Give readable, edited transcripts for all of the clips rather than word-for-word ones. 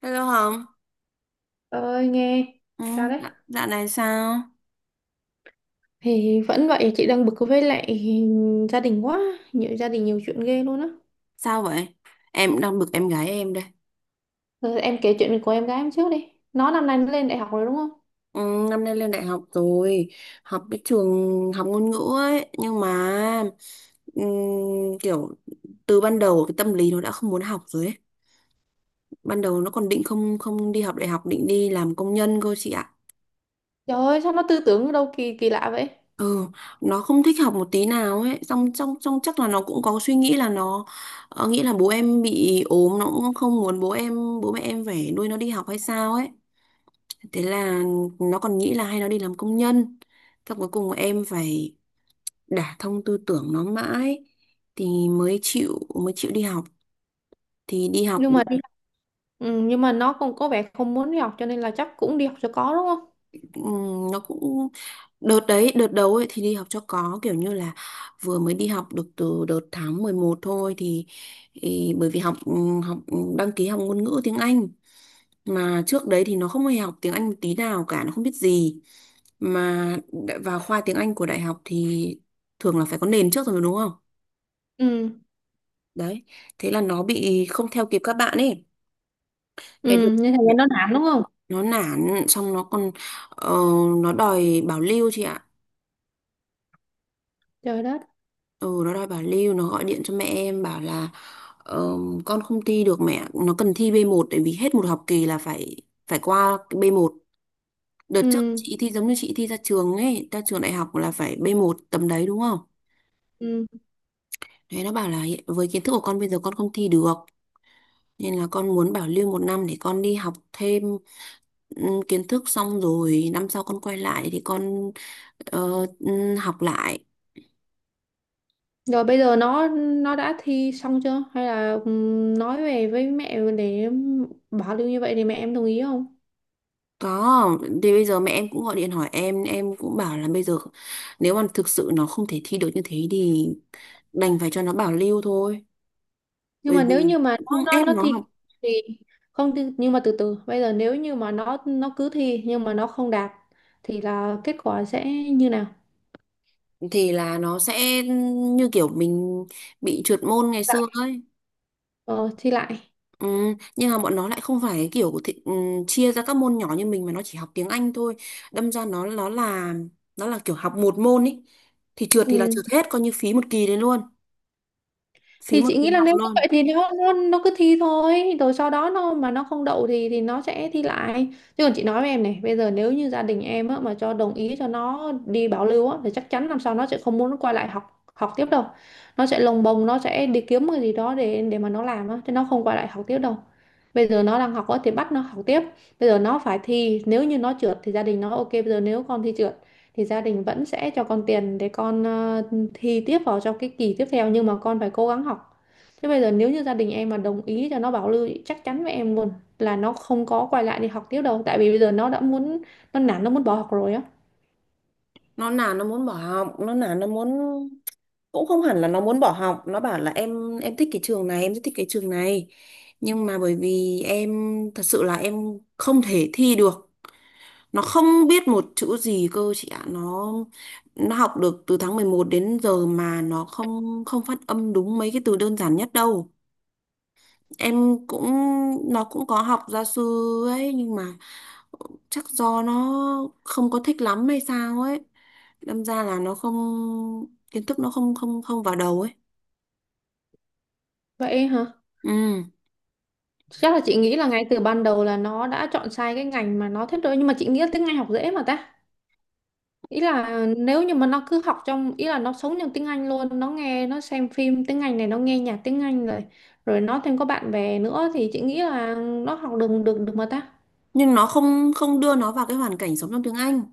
Hello Hồng, Ơi, nghe. ừ, Sao đấy? dạ dạo này sao? Thì vẫn vậy, chị đang bực với lại gia đình quá, nhiều gia đình nhiều chuyện ghê luôn á. Sao vậy? Em đang bực em gái em đây. Rồi em kể chuyện của em gái em trước đi. Nó năm nay nó lên đại học rồi đúng không? Ừ, năm nay lên đại học rồi, học cái trường học ngôn ngữ ấy, nhưng mà ừm, kiểu từ ban đầu cái tâm lý nó đã không muốn học rồi ấy. Ban đầu nó còn định không không đi học đại học, định đi làm công nhân cơ chị ạ. Trời ơi, sao nó tư tưởng đâu kỳ kỳ lạ vậy? Ừ, nó không thích học một tí nào ấy, xong trong trong chắc là nó cũng có suy nghĩ là nó nghĩ là bố em bị ốm, nó cũng không muốn bố mẹ em phải nuôi nó đi học hay sao ấy. Thế là nó còn nghĩ là hay nó đi làm công nhân. Thế cuối cùng em phải đả thông tư tưởng nó mãi thì mới chịu đi học. Thì đi học Nhưng mà được đi, ừ, nhưng mà nó cũng có vẻ không muốn đi học cho nên là chắc cũng đi học cho có đúng không? Nó cũng đợt đấy, đợt đầu ấy thì đi học cho có kiểu như là vừa mới đi học được từ đợt tháng 11 thôi thì, bởi vì học học ừ, đăng ký học ngôn ngữ tiếng Anh mà trước đấy thì nó không hề học tiếng Anh một tí nào cả, nó không biết gì mà vào khoa tiếng Anh của đại học thì thường là phải có nền trước rồi đúng không, Ừ, đấy thế là nó bị không theo kịp các bạn ấy. thế được, ừ, nên thành ra được- nó nản đúng không? nó nản xong nó còn ờ, nó đòi bảo lưu chị ạ. Trời đất. Ừ, nó đòi bảo lưu, nó gọi điện cho mẹ em bảo là ờ, con không thi được, mẹ nó cần thi B1 tại vì hết một học kỳ là phải phải qua cái B1. Đợt trước Ừ, chị thi giống như chị thi ra trường ấy, ra trường đại học là phải b một tầm đấy đúng không? ừ. Thế nó bảo là với kiến thức của con bây giờ con không thi được. Nên là con muốn bảo lưu một năm để con đi học thêm kiến thức xong rồi năm sau con quay lại thì con học lại. Rồi bây giờ nó đã thi xong chưa? Hay là ừ, nói về với mẹ để bảo lưu như vậy thì mẹ em đồng ý không? Có, thì bây giờ mẹ em cũng gọi điện hỏi em cũng bảo là bây giờ nếu mà thực sự nó không thể thi được như thế thì đành phải cho nó bảo lưu thôi. Nhưng Bởi mà vì nếu như mà cũng nó không nó ép nó nó thi không học, thì không thi, nhưng mà từ từ bây giờ nếu như mà nó cứ thi nhưng mà nó không đạt thì là kết quả sẽ như nào? thì là nó sẽ như kiểu mình bị trượt môn ngày Dạ. xưa ấy. Ờ, Thi lại, Ừ, nhưng mà bọn nó lại không phải kiểu của chia ra các môn nhỏ như mình mà nó chỉ học tiếng Anh thôi, đâm ra nó là kiểu học một môn ý, thì trượt thì là ừ. trượt hết, coi như phí một kỳ đấy luôn, phí Thì một chị kỳ nghĩ là học nếu như luôn. vậy thì nó cứ thi thôi, rồi sau đó nó mà nó không đậu thì nó sẽ thi lại, chứ còn chị nói với em này, bây giờ nếu như gia đình em á, mà cho đồng ý cho nó đi bảo lưu á, thì chắc chắn năm sau nó sẽ không muốn quay lại học học tiếp đâu. Nó sẽ lồng bồng, nó sẽ đi kiếm cái gì đó để mà nó làm á, chứ nó không quay lại học tiếp đâu. Bây giờ nó đang học á, thì bắt nó học tiếp. Bây giờ nó phải thi, nếu như nó trượt thì gia đình nó ok, bây giờ nếu con thi trượt thì gia đình vẫn sẽ cho con tiền để con thi tiếp vào trong cái kỳ tiếp theo, nhưng mà con phải cố gắng học. Thế bây giờ nếu như gia đình em mà đồng ý cho nó bảo lưu, chắc chắn với em luôn là nó không có quay lại đi học tiếp đâu, tại vì bây giờ nó đã muốn, nó nản, nó muốn bỏ học rồi á. Nó là nó muốn bỏ học nó là nó muốn cũng không hẳn là nó muốn bỏ học, nó bảo là em thích cái trường này, em rất thích cái trường này, nhưng mà bởi vì em thật sự là em không thể thi được, nó không biết một chữ gì cơ chị ạ, nó học được từ tháng 11 đến giờ mà nó không không phát âm đúng mấy cái từ đơn giản nhất đâu. Em cũng, nó cũng có học gia sư ấy nhưng mà chắc do nó không có thích lắm hay sao ấy, đâm ra là nó không, kiến thức nó không không không vào đầu ấy. Vậy hả? Ừ, Chắc là chị nghĩ là ngay từ ban đầu là nó đã chọn sai cái ngành mà nó thích rồi, nhưng mà chị nghĩ là tiếng Anh học dễ mà ta. Ý là nếu như mà nó cứ học trong, ý là nó sống trong tiếng Anh luôn, nó nghe, nó xem phim tiếng Anh này, nó nghe nhạc tiếng Anh rồi, rồi nó thêm có bạn bè nữa, thì chị nghĩ là nó học được được được mà ta. nhưng nó không không đưa nó vào cái hoàn cảnh sống trong tiếng Anh,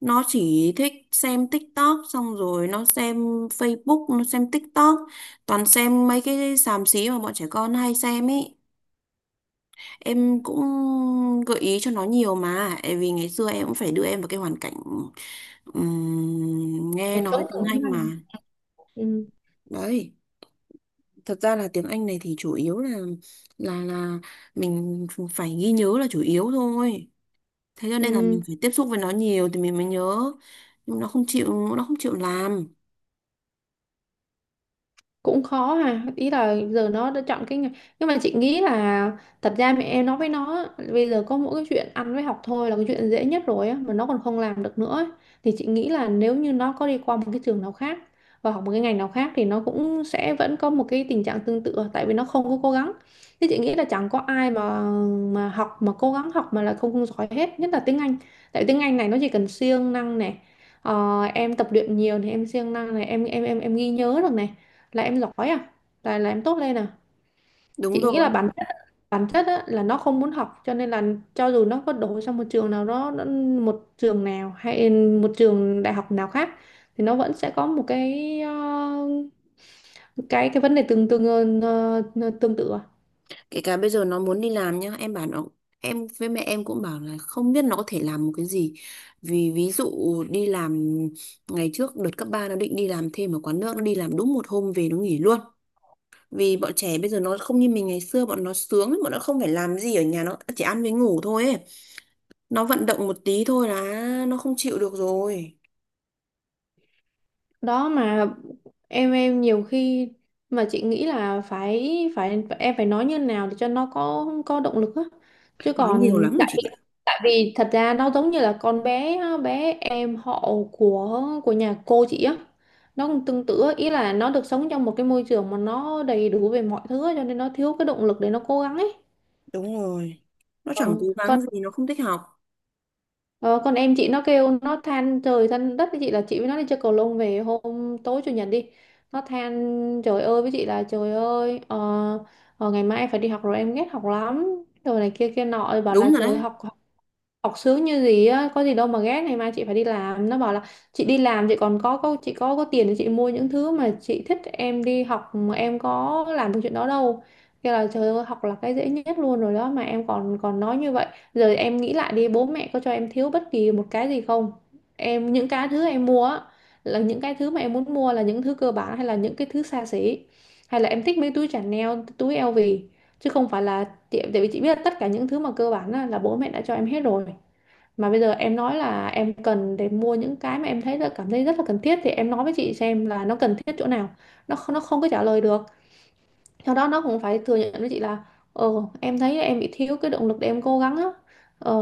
nó chỉ thích xem TikTok xong rồi nó xem Facebook, nó xem TikTok, toàn xem mấy cái xàm xí mà bọn trẻ con hay xem ấy. Em cũng gợi ý cho nó nhiều mà tại vì ngày xưa em cũng phải đưa em vào cái hoàn cảnh nghe Cuộc nói sống tiếng cùng tiếng Anh mà, Anh, ừ, đấy. Thật ra là tiếng Anh này thì chủ yếu là mình phải ghi nhớ là chủ yếu thôi, thế cho nên là ừ. mình phải tiếp xúc với nó nhiều thì mình mới nhớ, nhưng nó không chịu làm. Cũng khó ha, ý là giờ nó đã chọn cái nghề, nhưng mà chị nghĩ là thật ra mẹ em nói với nó á, bây giờ có mỗi cái chuyện ăn với học thôi là cái chuyện dễ nhất rồi á mà nó còn không làm được nữa ấy. Thì chị nghĩ là nếu như nó có đi qua một cái trường nào khác và học một cái ngành nào khác thì nó cũng sẽ vẫn có một cái tình trạng tương tự, tại vì nó không có cố gắng. Thế chị nghĩ là chẳng có ai mà học mà cố gắng học mà là không, không giỏi hết, nhất là tiếng Anh. Tại vì tiếng Anh này nó chỉ cần siêng năng này. Ờ, em tập luyện nhiều thì em siêng năng này, em ghi nhớ được này, là em giỏi à, là em tốt lên à. Đúng Chị nghĩ là rồi, bản chất, bản chất á, là nó không muốn học cho nên là cho dù nó có đổ sang một trường nào đó nó, một trường nào hay một trường đại học nào khác thì nó vẫn sẽ có một cái cái vấn đề tương tương tương tự à. kể cả bây giờ nó muốn đi làm nhá, em bảo nó, em với mẹ em cũng bảo là không biết nó có thể làm một cái gì, vì ví dụ đi làm, ngày trước đợt cấp 3 nó định đi làm thêm ở quán nước, nó đi làm đúng một hôm về nó nghỉ luôn, vì bọn trẻ bây giờ nó không như mình ngày xưa, bọn nó sướng lắm, bọn nó không phải làm gì ở nhà, nó chỉ ăn với ngủ thôi ấy. Nó vận động một tí thôi là nó không chịu được rồi. Đó mà em nhiều khi mà chị nghĩ là phải phải em phải nói như nào để cho nó có động lực á, chứ Nói nhiều còn lắm rồi tại chị, vì thật ra nó giống như là con bé, bé em họ của nhà cô chị á, nó cũng tương tự á. Ý là nó được sống trong một cái môi trường mà nó đầy đủ về mọi thứ á, cho nên nó thiếu cái động lực để nó cố gắng ấy. đúng rồi, nó Ờ, chẳng cố còn gắng gì, nó không thích học. Em chị, nó kêu nó than trời than đất với chị là chị với nó đi chơi cầu lông về hôm tối chủ nhật đi, nó than trời ơi với chị là trời ơi, ngày mai em phải đi học rồi, em ghét học lắm rồi này kia kia nọ, bảo là Đúng rồi trời, đấy. học học sướng như gì á, có gì đâu mà ghét, ngày mai chị phải đi làm. Nó bảo là chị đi làm chị còn có chị có tiền để chị mua những thứ mà chị thích, em đi học mà em có làm được chuyện đó đâu. Kêu là trời ơi, học là cái dễ nhất luôn rồi đó mà em còn còn nói như vậy. Giờ em nghĩ lại đi, bố mẹ có cho em thiếu bất kỳ một cái gì không? Em những cái thứ em mua á, là những cái thứ mà em muốn mua là những thứ cơ bản hay là những cái thứ xa xỉ, hay là em thích mấy túi Chanel, túi LV, chứ không phải là chị, tại vì chị biết là tất cả những thứ mà cơ bản là bố mẹ đã cho em hết rồi, mà bây giờ em nói là em cần để mua những cái mà em thấy là cảm thấy rất là cần thiết thì em nói với chị xem là nó cần thiết chỗ nào. Nó không có trả lời được. Sau đó nó cũng phải thừa nhận với chị là ờ, em thấy em bị thiếu cái động lực để em cố gắng á. Ờ,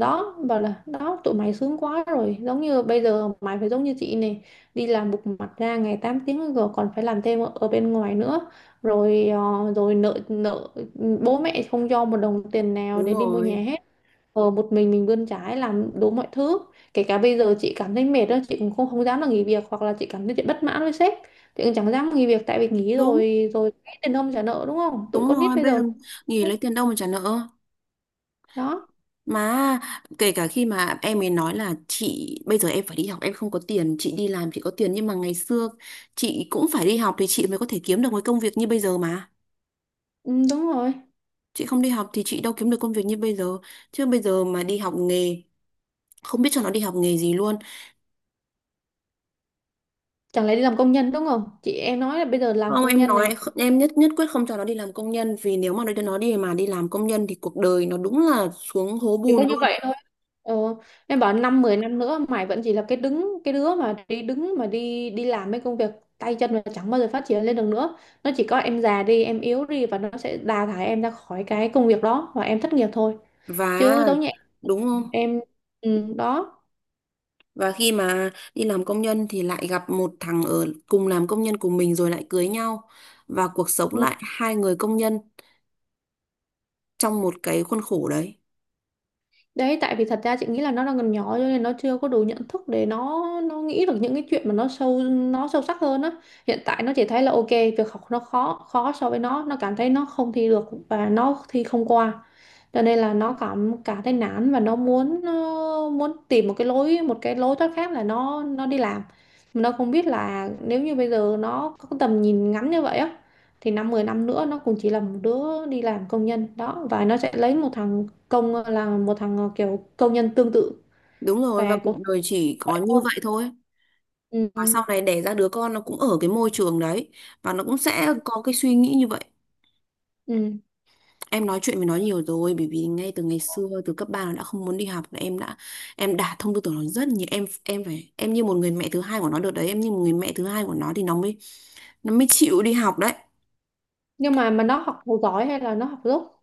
đó, bảo là đó tụi mày sướng quá rồi, giống như bây giờ mày phải giống như chị này, đi làm bục mặt ra ngày 8 tiếng rồi còn phải làm thêm ở ở bên ngoài nữa, rồi ờ, rồi nợ nợ, bố mẹ không cho một đồng tiền nào Đúng để đi mua nhà rồi. hết. Ờ, một mình bươn chải làm đủ mọi thứ, kể cả bây giờ chị cảm thấy mệt đó chị cũng không không dám là nghỉ việc, hoặc là chị cảm thấy chị bất mãn với sếp, chị cũng chẳng dám nghỉ việc tại vì nghỉ Đúng. rồi rồi tiền không trả nợ đúng không. Tụi Đúng con nít rồi, bây bây giờ giờ nó nghỉ cũng- lấy tiền đâu mà trả nợ. đó. Mà kể cả khi mà em ấy nói là chị bây giờ em phải đi học em không có tiền, chị đi làm chị có tiền, nhưng mà ngày xưa chị cũng phải đi học thì chị mới có thể kiếm được cái công việc như bây giờ mà, Ừ, đúng rồi, chị không đi học thì chị đâu kiếm được công việc như bây giờ, chứ bây giờ mà đi học nghề, không biết cho nó đi học nghề gì luôn. chẳng lẽ đi làm công nhân đúng không, chị em nói là bây giờ làm Không, công em nhân nói này, em nhất nhất quyết không cho nó đi làm công nhân vì nếu mà nó đi mà đi làm công nhân thì cuộc đời nó đúng là xuống hố chỉ có bùn luôn, như vậy thôi. Ờ, em bảo năm mười năm nữa mày vẫn chỉ là cái đứa mà đi đứng mà đi đi làm mấy công việc tay chân mà chẳng bao giờ phát triển lên được nữa. Nó chỉ có em già đi, em yếu đi và nó sẽ đào thải em ra khỏi cái công việc đó và em thất nghiệp thôi. và Chứ giống như em, đúng không? em ừ, đó. Và khi mà đi làm công nhân thì lại gặp một thằng ở cùng làm công nhân của mình rồi lại cưới nhau, và cuộc sống Ừ, lại hai người công nhân trong một cái khuôn khổ đấy. đấy, tại vì thật ra chị nghĩ là nó đang còn nhỏ cho nên nó chưa có đủ nhận thức để nó nghĩ được những cái chuyện mà nó sâu sắc hơn á. Hiện tại nó chỉ thấy là ok, việc học nó khó khó so với nó cảm thấy nó không thi được và nó thi không qua. Cho nên là nó cảm cảm thấy nản và nó muốn muốn tìm một cái lối thoát khác là nó đi làm. Mà nó không biết là nếu như bây giờ nó có cái tầm nhìn ngắn như vậy á thì năm 10 năm nữa nó cũng chỉ là một đứa đi làm công nhân đó và nó sẽ lấy một thằng công là một thằng kiểu công nhân tương tự Đúng rồi và và cuộc cũng đời chỉ có vậy như thôi, vậy thôi. Và ừ. sau này đẻ ra đứa con nó cũng ở cái môi trường đấy và nó cũng sẽ có cái suy nghĩ như vậy. Ừ. Em nói chuyện với nó nhiều rồi, bởi vì ngay từ ngày xưa từ cấp 3 nó đã không muốn đi học là em đã thông tư tưởng nó rất nhiều, em phải, em như một người mẹ thứ hai của nó được đấy, em như một người mẹ thứ hai của nó thì nó mới chịu đi học đấy. Nhưng mà nó học giỏi hay là nó học dốt?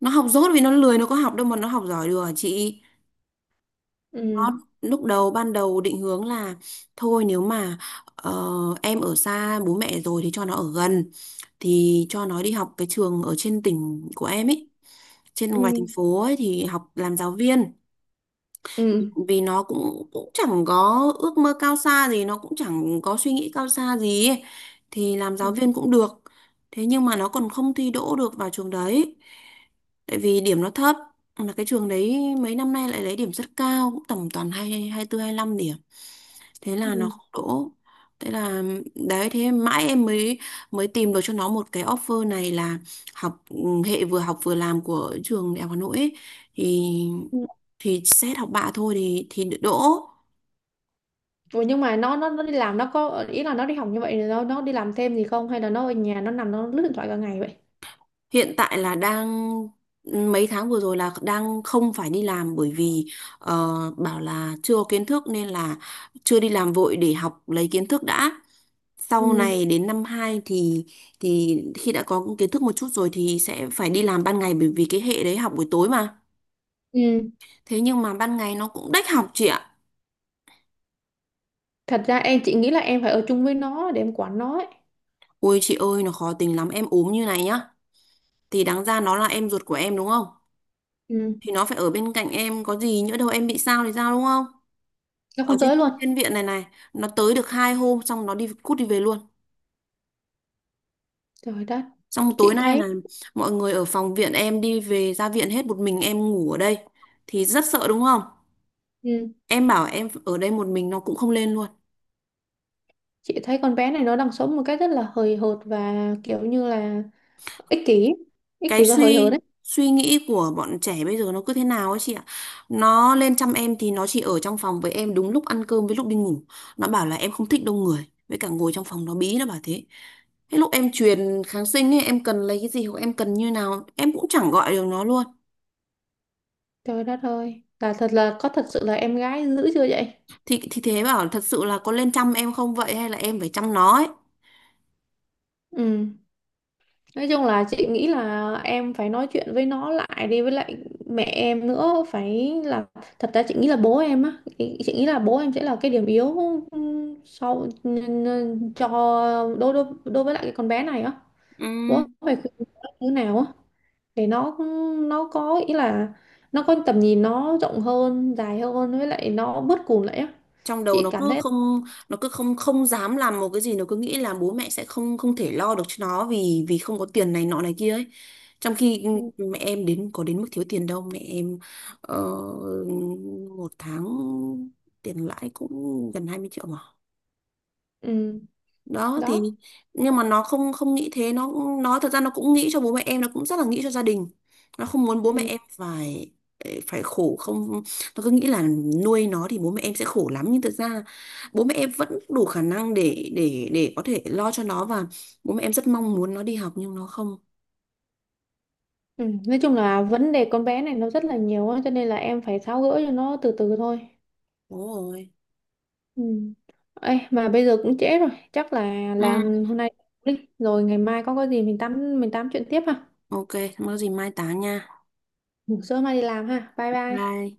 Nó học dốt vì nó lười, nó có học đâu mà nó học giỏi được hả chị. Ừ. Nó lúc đầu ban đầu định hướng là thôi nếu mà ờ, em ở xa bố mẹ rồi thì cho nó ở gần, thì cho nó đi học cái trường ở trên tỉnh của em ấy, trên Ừ. ngoài thành phố ấy thì học làm giáo viên. Ừ. Vì nó cũng cũng chẳng có ước mơ cao xa gì, nó cũng chẳng có suy nghĩ cao xa gì ấy, thì làm Ừ. giáo viên cũng được. Thế nhưng mà nó còn không thi đỗ được vào trường đấy tại vì điểm nó thấp, là cái trường đấy mấy năm nay lại lấy điểm rất cao, cũng tầm toàn hai hai tư hai lăm điểm, thế là nó Ừ. không đỗ. Thế là đấy, thế mãi em mới mới tìm được cho nó một cái offer này là học hệ vừa học vừa làm của trường Đại học Hà Nội ấy, thì xét học bạ thôi thì đỗ. Ủa nhưng mà nó đi làm, nó có ý là nó đi học như vậy thì nó đi làm thêm gì không, hay là nó ở nhà nó nằm nó lướt điện thoại cả ngày vậy? Hiện tại là đang, mấy tháng vừa rồi là đang không phải đi làm bởi vì ờ, bảo là chưa có kiến thức nên là chưa đi làm vội để học lấy kiến thức đã, sau Ừ. này đến năm 2 thì khi đã có kiến thức một chút rồi thì sẽ phải đi làm ban ngày bởi vì cái hệ đấy học buổi tối mà. Ừ. Thế nhưng mà ban ngày nó cũng đách học chị ạ. Thật ra em, chị nghĩ là em phải ở chung với nó để em quản nó ấy. Ôi chị ơi nó khó tính lắm, em ốm như này nhá, thì đáng ra nó là em ruột của em đúng không, Ừ. thì nó phải ở bên cạnh em, có gì nhỡ đâu em bị sao thì sao đúng không. Nó Ở không trên tới luôn. thiên viện này này, nó tới được hai hôm xong nó đi cút đi về luôn, Trời đất. xong tối Chị nay thấy, là mọi người ở phòng viện em đi về ra viện hết, một mình em ngủ ở đây thì rất sợ đúng không, ừ. em bảo em ở đây một mình nó cũng không lên luôn. Chị thấy con bé này nó đang sống một cách rất là hời hợt và kiểu như là ích kỷ, Cái và hời hợt suy đấy. suy nghĩ của bọn trẻ bây giờ nó cứ thế nào ấy chị ạ, nó lên chăm em thì nó chỉ ở trong phòng với em đúng lúc ăn cơm với lúc đi ngủ, nó bảo là em không thích đông người với cả ngồi trong phòng nó bí nó bảo thế, cái lúc em truyền kháng sinh ấy em cần lấy cái gì hoặc em cần như nào em cũng chẳng gọi được nó luôn. Trời đất ơi, là thật là có thật sự là em gái dữ chưa vậy? Thì thế bảo thật sự là có lên chăm em không vậy hay là em phải chăm nó ấy. Ừ, nói chung là chị nghĩ là em phải nói chuyện với nó lại đi, với lại mẹ em nữa, phải là thật ra chị nghĩ là bố em á, chị nghĩ là bố em sẽ là cái điểm yếu, ừ, sau cho đối đối đối với lại cái con bé này á. Ừm, Bố phải khuyên nó như nào á để nó có ý là nó có tầm nhìn nó rộng hơn dài hơn, với lại nó bớt cùn lại á. Trong đầu Chị cảm thấy, nó cứ không không dám làm một cái gì, nó cứ nghĩ là bố mẹ sẽ không không thể lo được cho nó vì vì không có tiền này nọ này kia ấy. Trong khi ừ. mẹ em đến có đến mức thiếu tiền đâu, mẹ em ờ, một tháng tiền lãi cũng gần 20 triệu mà. Ừ, Đó thì đó. nhưng mà nó không không nghĩ thế, nó thật ra nó cũng nghĩ cho bố mẹ em, nó cũng rất là nghĩ cho gia đình. Nó không muốn bố Ừ. mẹ em phải phải khổ không, nó cứ nghĩ là nuôi nó thì bố mẹ em sẽ khổ lắm nhưng thực ra bố mẹ em vẫn đủ khả năng để có thể lo cho nó, và bố mẹ em rất mong muốn nó đi học nhưng nó không. Ừ. Nói chung là vấn đề con bé này nó rất là nhiều á, cho nên là em phải tháo gỡ cho nó từ từ thôi. Đúng rồi. Ừ. Ê, mà bây giờ cũng trễ rồi, chắc là Ừ. hôm nay đi, rồi ngày mai có cái gì mình tám chuyện tiếp ha. Ok, không có gì mai tám nha. Ngủ sớm mai đi làm ha. Bye bye. Bye.